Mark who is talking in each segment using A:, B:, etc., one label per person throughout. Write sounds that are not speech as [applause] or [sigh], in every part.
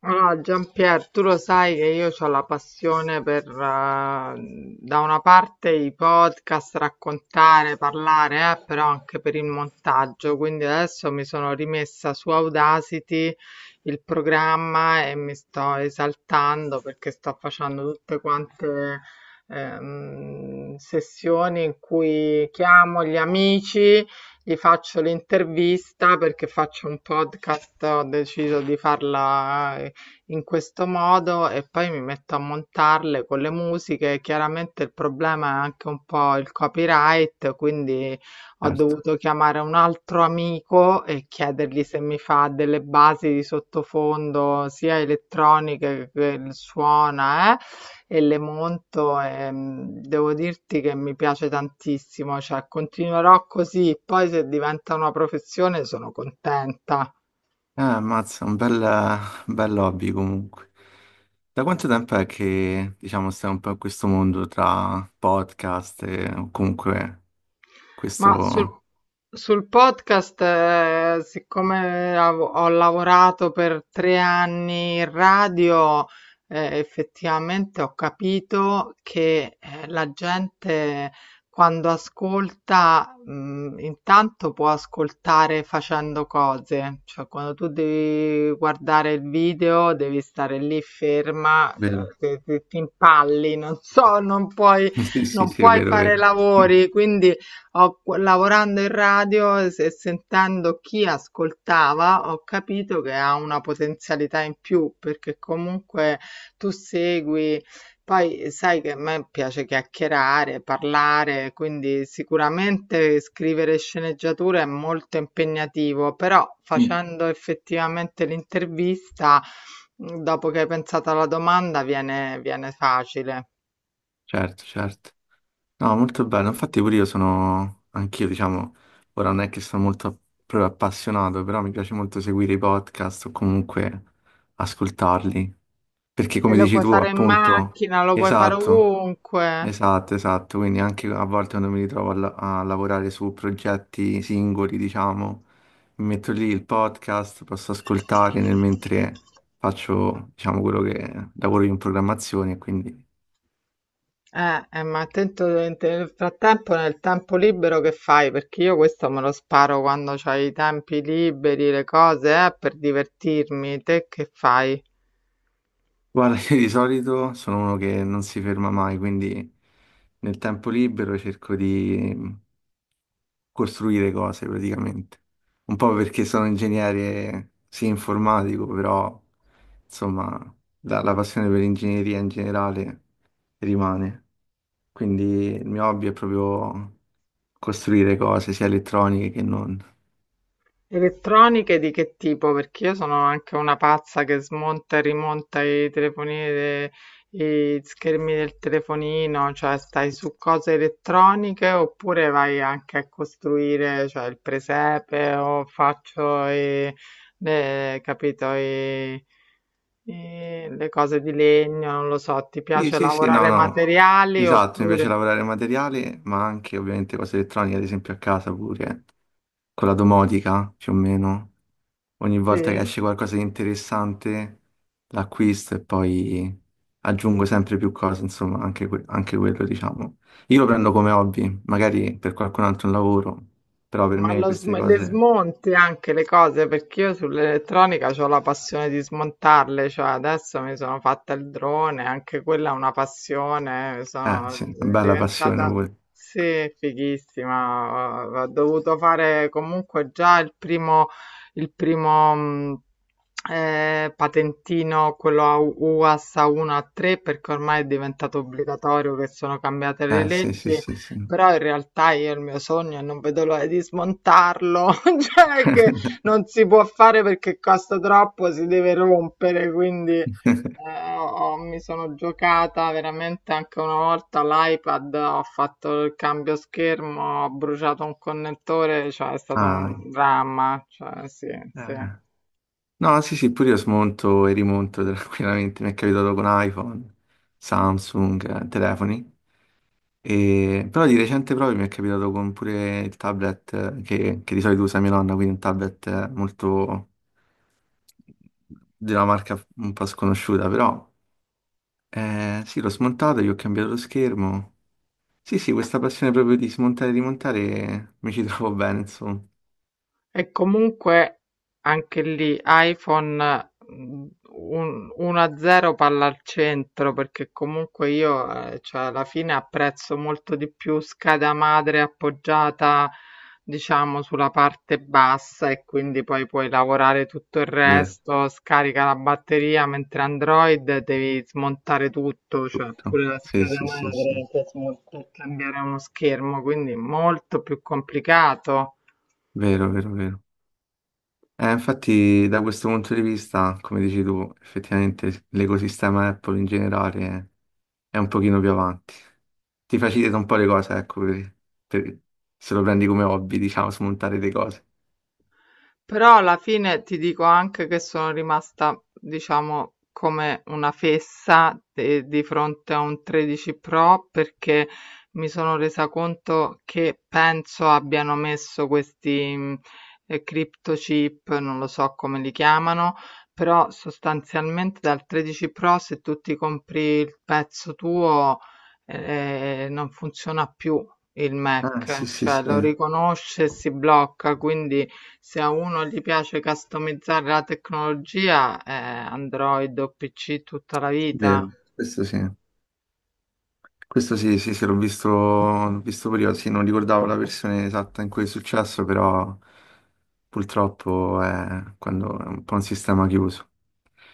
A: Allora, Giampier, tu lo sai che io ho la passione per, da una parte i podcast, raccontare, parlare, però anche per il montaggio. Quindi adesso mi sono rimessa su Audacity il programma e mi sto esaltando perché sto facendo tutte quante sessioni in cui chiamo gli amici, gli faccio l'intervista perché faccio un podcast, ho deciso di farla in questo modo e poi mi metto a montarle con le musiche. Chiaramente il problema è anche un po' il copyright, quindi ho
B: Certo.
A: dovuto chiamare un altro amico e chiedergli se mi fa delle basi di sottofondo, sia elettroniche che il suona, e le monto e devo dirti che mi piace tantissimo, cioè continuerò così, poi se diventa una professione sono contenta.
B: Ammazza, un bel hobby comunque. Da quanto tempo è che, diciamo, stai un po' in questo mondo tra podcast e o comunque
A: Ma sul,
B: questo...
A: sul podcast, siccome ho lavorato per 3 anni in radio, effettivamente ho capito che la gente, quando ascolta, intanto può ascoltare facendo cose, cioè quando tu devi guardare il video devi stare lì ferma, cioè,
B: Vero.
A: ti impalli, non so, non puoi,
B: [laughs] Sì, sì,
A: non
B: sì, è
A: puoi
B: vero,
A: fare
B: vero. Mm.
A: lavori, quindi lavorando in radio e sentendo chi ascoltava, ho capito che ha una potenzialità in più perché comunque tu segui. Poi sai che a me piace chiacchierare, parlare, quindi sicuramente scrivere sceneggiature è molto impegnativo, però
B: Mm.
A: facendo effettivamente l'intervista, dopo che hai pensato alla domanda, viene facile.
B: Certo, certo. No, molto bello. Infatti pure io anch'io diciamo, ora non è che sono molto proprio appassionato, però mi piace molto seguire i podcast o comunque ascoltarli. Perché
A: E
B: come
A: lo
B: dici
A: puoi
B: tu,
A: fare in
B: appunto,
A: macchina, lo puoi fare
B: esatto,
A: ovunque.
B: esatto, esatto. Quindi anche a volte quando mi ritrovo a lavorare su progetti singoli, diciamo, mi metto lì il podcast, posso ascoltare nel mentre faccio, diciamo, quello che lavoro io in programmazione, quindi...
A: Ma attento, nel tempo libero che fai? Perché io questo me lo sparo quando c'hai i tempi liberi, le cose, per divertirmi. Te che fai?
B: Guarda, io di solito sono uno che non si ferma mai, quindi nel tempo libero cerco di costruire cose praticamente. Un po' perché sono ingegnere, sì, informatico, però insomma la passione per l'ingegneria in generale rimane. Quindi il mio hobby è proprio costruire cose, sia elettroniche che non.
A: Elettroniche di che tipo? Perché io sono anche una pazza che smonta e rimonta i telefonini, i schermi del telefonino, cioè stai su cose elettroniche oppure vai anche a costruire, cioè il presepe o faccio capito, le cose di legno, non lo so, ti
B: Sì,
A: piace
B: sì, sì, no,
A: lavorare
B: no.
A: materiali
B: Esatto, mi piace
A: oppure.
B: lavorare materiale, ma anche ovviamente cose elettroniche, ad esempio a casa pure. Quella domotica più o meno. Ogni
A: Sì?
B: volta che esce qualcosa di interessante l'acquisto e poi aggiungo sempre più cose, insomma, anche, anche quello, diciamo. Io lo prendo come hobby, magari per qualcun altro è un lavoro, però per
A: Ma
B: me queste
A: le
B: cose...
A: smonti anche le cose, perché io sull'elettronica ho la passione di smontarle, cioè adesso mi sono fatta il drone, anche quella è una passione,
B: Eh
A: sono
B: sì, una bella passione
A: diventata,
B: pure.
A: sì, fighissima, ho dovuto fare comunque già il primo patentino, quello a UAS A1 A3, perché ormai è diventato obbligatorio, che sono cambiate le
B: Eh sì, sì,
A: leggi.
B: sì, sì.
A: Però in realtà io il mio sogno, e non vedo l'ora di smontarlo, [laughs] cioè, che non si può fare perché costa troppo, si deve rompere, quindi
B: [laughs]
A: ho- mi sono giocata veramente anche una volta l'iPad, ho fatto il cambio schermo, ho bruciato un connettore, cioè è stato
B: Ah,
A: un dramma, cioè sì, sì.
B: eh. No, sì, sì, pure io smonto e rimonto tranquillamente, mi è capitato con iPhone, Samsung, telefoni. Però di recente proprio mi è capitato con pure il tablet che di solito usa mia nonna, quindi un tablet molto di una marca un po' sconosciuta, però sì, l'ho smontato, gli ho cambiato lo schermo. Sì, sì, questa passione proprio di smontare e rimontare mi ci trovo bene, insomma.
A: E comunque anche lì iPhone, 1-0 palla al centro, perché comunque io, cioè, alla fine apprezzo molto di più scheda madre appoggiata, diciamo, sulla parte bassa, e quindi poi puoi lavorare tutto il
B: Vero,
A: resto, scarica la batteria, mentre Android devi smontare tutto, cioè
B: tutto.
A: pure la
B: Sì,
A: scheda
B: sì, sì, sì.
A: madre per per cambiare uno schermo, quindi molto più complicato.
B: Vero, vero, vero. Infatti, da questo punto di vista, come dici tu, effettivamente l'ecosistema Apple in generale è un pochino più avanti. Ti facilita un po' le cose, ecco, per- se lo prendi come hobby, [laughs] diciamo, smontare le cose.
A: Però alla fine ti dico anche che sono rimasta, diciamo, come una fessa di fronte a un 13 Pro, perché mi sono resa conto che penso abbiano messo questi crypto chip, non lo so come li chiamano, però sostanzialmente dal 13 Pro se tu ti compri il pezzo tuo, non funziona più il
B: Ah, sì,
A: Mac,
B: sì, sì,
A: cioè lo riconosce e si blocca, quindi se a uno gli piace customizzare la tecnologia, Android o PC tutta la vita.
B: vero, questo sì. Questo sì, sì, sì, l'ho visto prima, sì, non ricordavo la versione esatta in cui è successo, però purtroppo è, quando è un po' un sistema chiuso.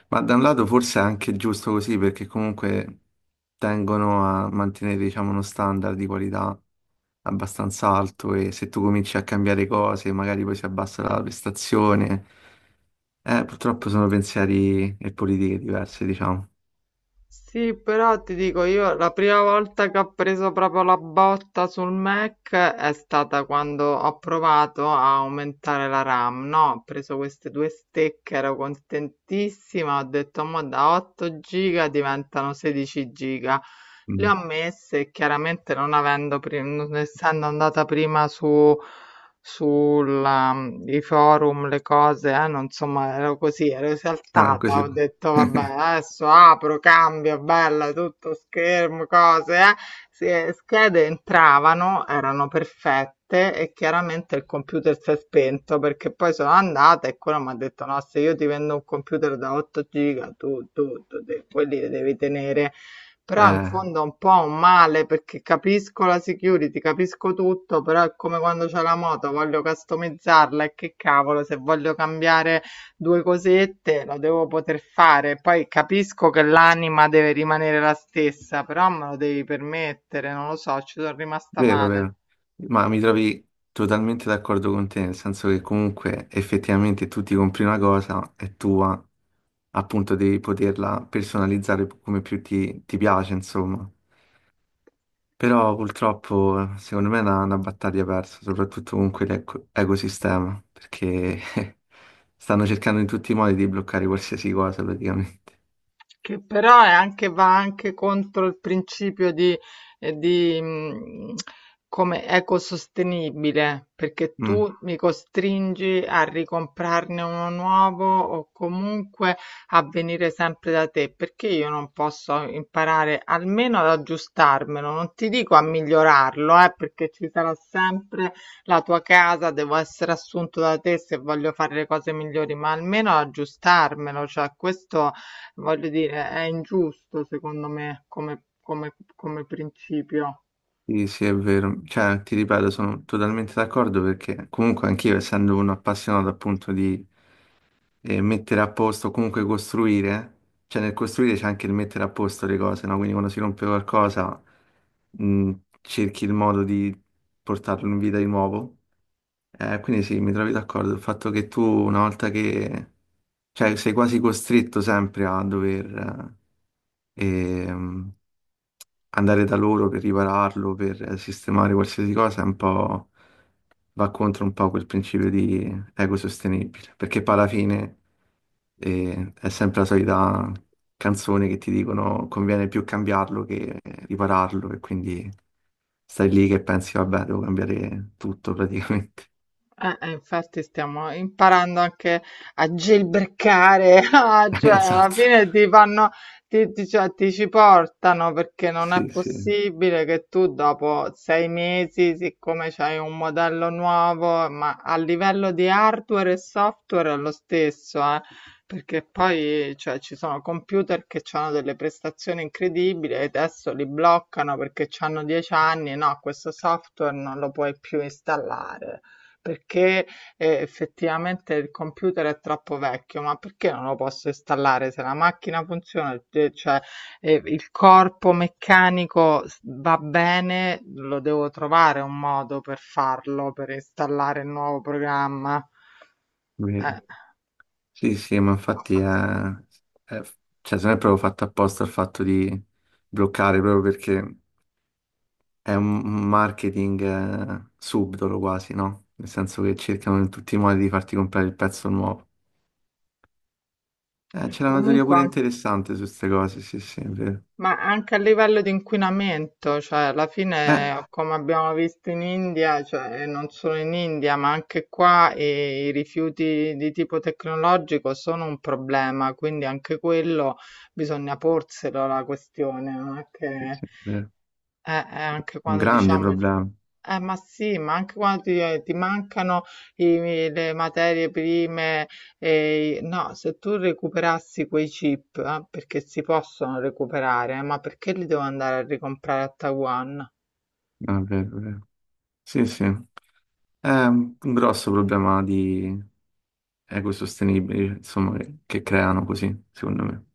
B: Ma da un lato forse è anche giusto così perché comunque tengono a mantenere, diciamo, uno standard di qualità abbastanza alto e se tu cominci a cambiare cose, magari poi si abbassa la prestazione. Purtroppo sono pensieri e politiche diverse, diciamo.
A: Sì, però ti dico io, la prima volta che ho preso proprio la botta sul Mac è stata quando ho provato a aumentare la RAM, no? Ho preso queste due stecche, ero contentissima, ho detto: ma da 8 giga diventano 16 giga. Le
B: Mm.
A: ho messe, e chiaramente non avendo, non essendo andata prima su sulla i forum, le cose, non, insomma, ero così, ero
B: Ah,
A: esaltata,
B: così.
A: ho detto: "Vabbè,
B: [laughs]
A: adesso apro, cambio, bella, tutto schermo, cose, eh". Sì, e schede entravano, erano perfette, e chiaramente il computer si è spento, perché poi sono andata e quello m'ha detto: "No, se io ti vendo un computer da 8 giga tu, de quelli li devi tenere". Però in
B: Eh,
A: fondo è un po' un male, perché capisco la security, capisco tutto, però è come quando c'è la moto, voglio customizzarla, e che cavolo, se voglio cambiare due cosette lo devo poter fare. Poi capisco che l'anima deve rimanere la stessa, però me lo devi permettere, non lo so, ci sono rimasta
B: vero,
A: male.
B: vero. Ma mi trovi totalmente d'accordo con te, nel senso che comunque effettivamente tu ti compri una cosa, è tua, appunto devi poterla personalizzare come più ti piace, insomma. Però purtroppo secondo me è una battaglia persa, soprattutto con quell'ecosistema, perché [laughs] stanno cercando in tutti i modi di bloccare qualsiasi cosa praticamente.
A: Che però è anche, va anche contro il principio di, eh, di, mh, come ecosostenibile, perché tu
B: Mm.
A: mi costringi a ricomprarne uno nuovo o comunque a venire sempre da te, perché io non posso imparare almeno ad aggiustarmelo, non ti dico a migliorarlo, perché ci sarà sempre la tua casa, devo essere assunto da te se voglio fare le cose migliori, ma almeno ad aggiustarmelo, cioè questo voglio dire, è ingiusto secondo me come principio.
B: Sì, sì, è vero. Cioè, ti ripeto, sono totalmente d'accordo perché comunque anch'io, essendo un appassionato appunto di mettere a posto, comunque costruire, cioè nel costruire c'è anche il mettere a posto le cose, no? Quindi quando si rompe qualcosa, mh, cerchi il modo di portarlo in vita di nuovo. Quindi sì, mi trovi d'accordo. Il fatto che tu una volta che... cioè sei quasi costretto sempre a dover eh, ehm, andare da loro per ripararlo, per sistemare qualsiasi cosa, è un po' va contro un po' quel principio di ecosostenibile, perché poi alla fine è sempre la solita canzone che ti dicono conviene più cambiarlo che ripararlo e quindi stai lì che pensi vabbè, devo cambiare tutto praticamente.
A: Infatti stiamo imparando anche a jailbreakare, [laughs] ah,
B: [laughs]
A: cioè alla
B: Esatto.
A: fine ti fanno, cioè, ti ci portano, perché non è
B: Sì, sì, è
A: possibile che tu dopo 6 mesi, siccome c'hai un modello nuovo, ma a livello di hardware e software è lo stesso, perché poi, cioè, ci sono computer che hanno delle prestazioni incredibili e adesso li bloccano perché hanno 10 anni, no, questo software non lo puoi più installare. Perché, effettivamente il computer è troppo vecchio, ma perché non lo posso installare? Se la macchina funziona, de cioè, il corpo meccanico s va bene, lo devo trovare un modo per farlo, per installare il nuovo programma. Eh.
B: vero. Sì, sì, ma infatti
A: Infatti
B: è- cioè, se non è proprio fatto apposta il fatto di bloccare, proprio perché è un marketing subdolo quasi, no? Nel senso che cercano in tutti i modi di farti comprare il pezzo nuovo.
A: E
B: C'era una teoria
A: comunque
B: pure
A: an
B: interessante su queste cose, sì, sì, è vero.
A: Ma anche a livello di inquinamento, cioè alla
B: Eh,
A: fine, come abbiamo visto in India, cioè, e non solo in India, ma anche qua, i rifiuti di tipo tecnologico sono un problema, quindi anche quello bisogna porselo, la questione, non è
B: sì,
A: che
B: sì, è vero.
A: anche
B: Un
A: quando
B: grande
A: diciamo,
B: problema.
A: ma sì, ma anche quando ti mancano le materie prime, no, se tu recuperassi quei chip, perché si possono recuperare, ma perché li devo andare a ricomprare a Taiwan?
B: Ah, è vero, è vero. Sì, sì, è un grosso problema di ecosostenibili, insomma, che creano così, secondo me.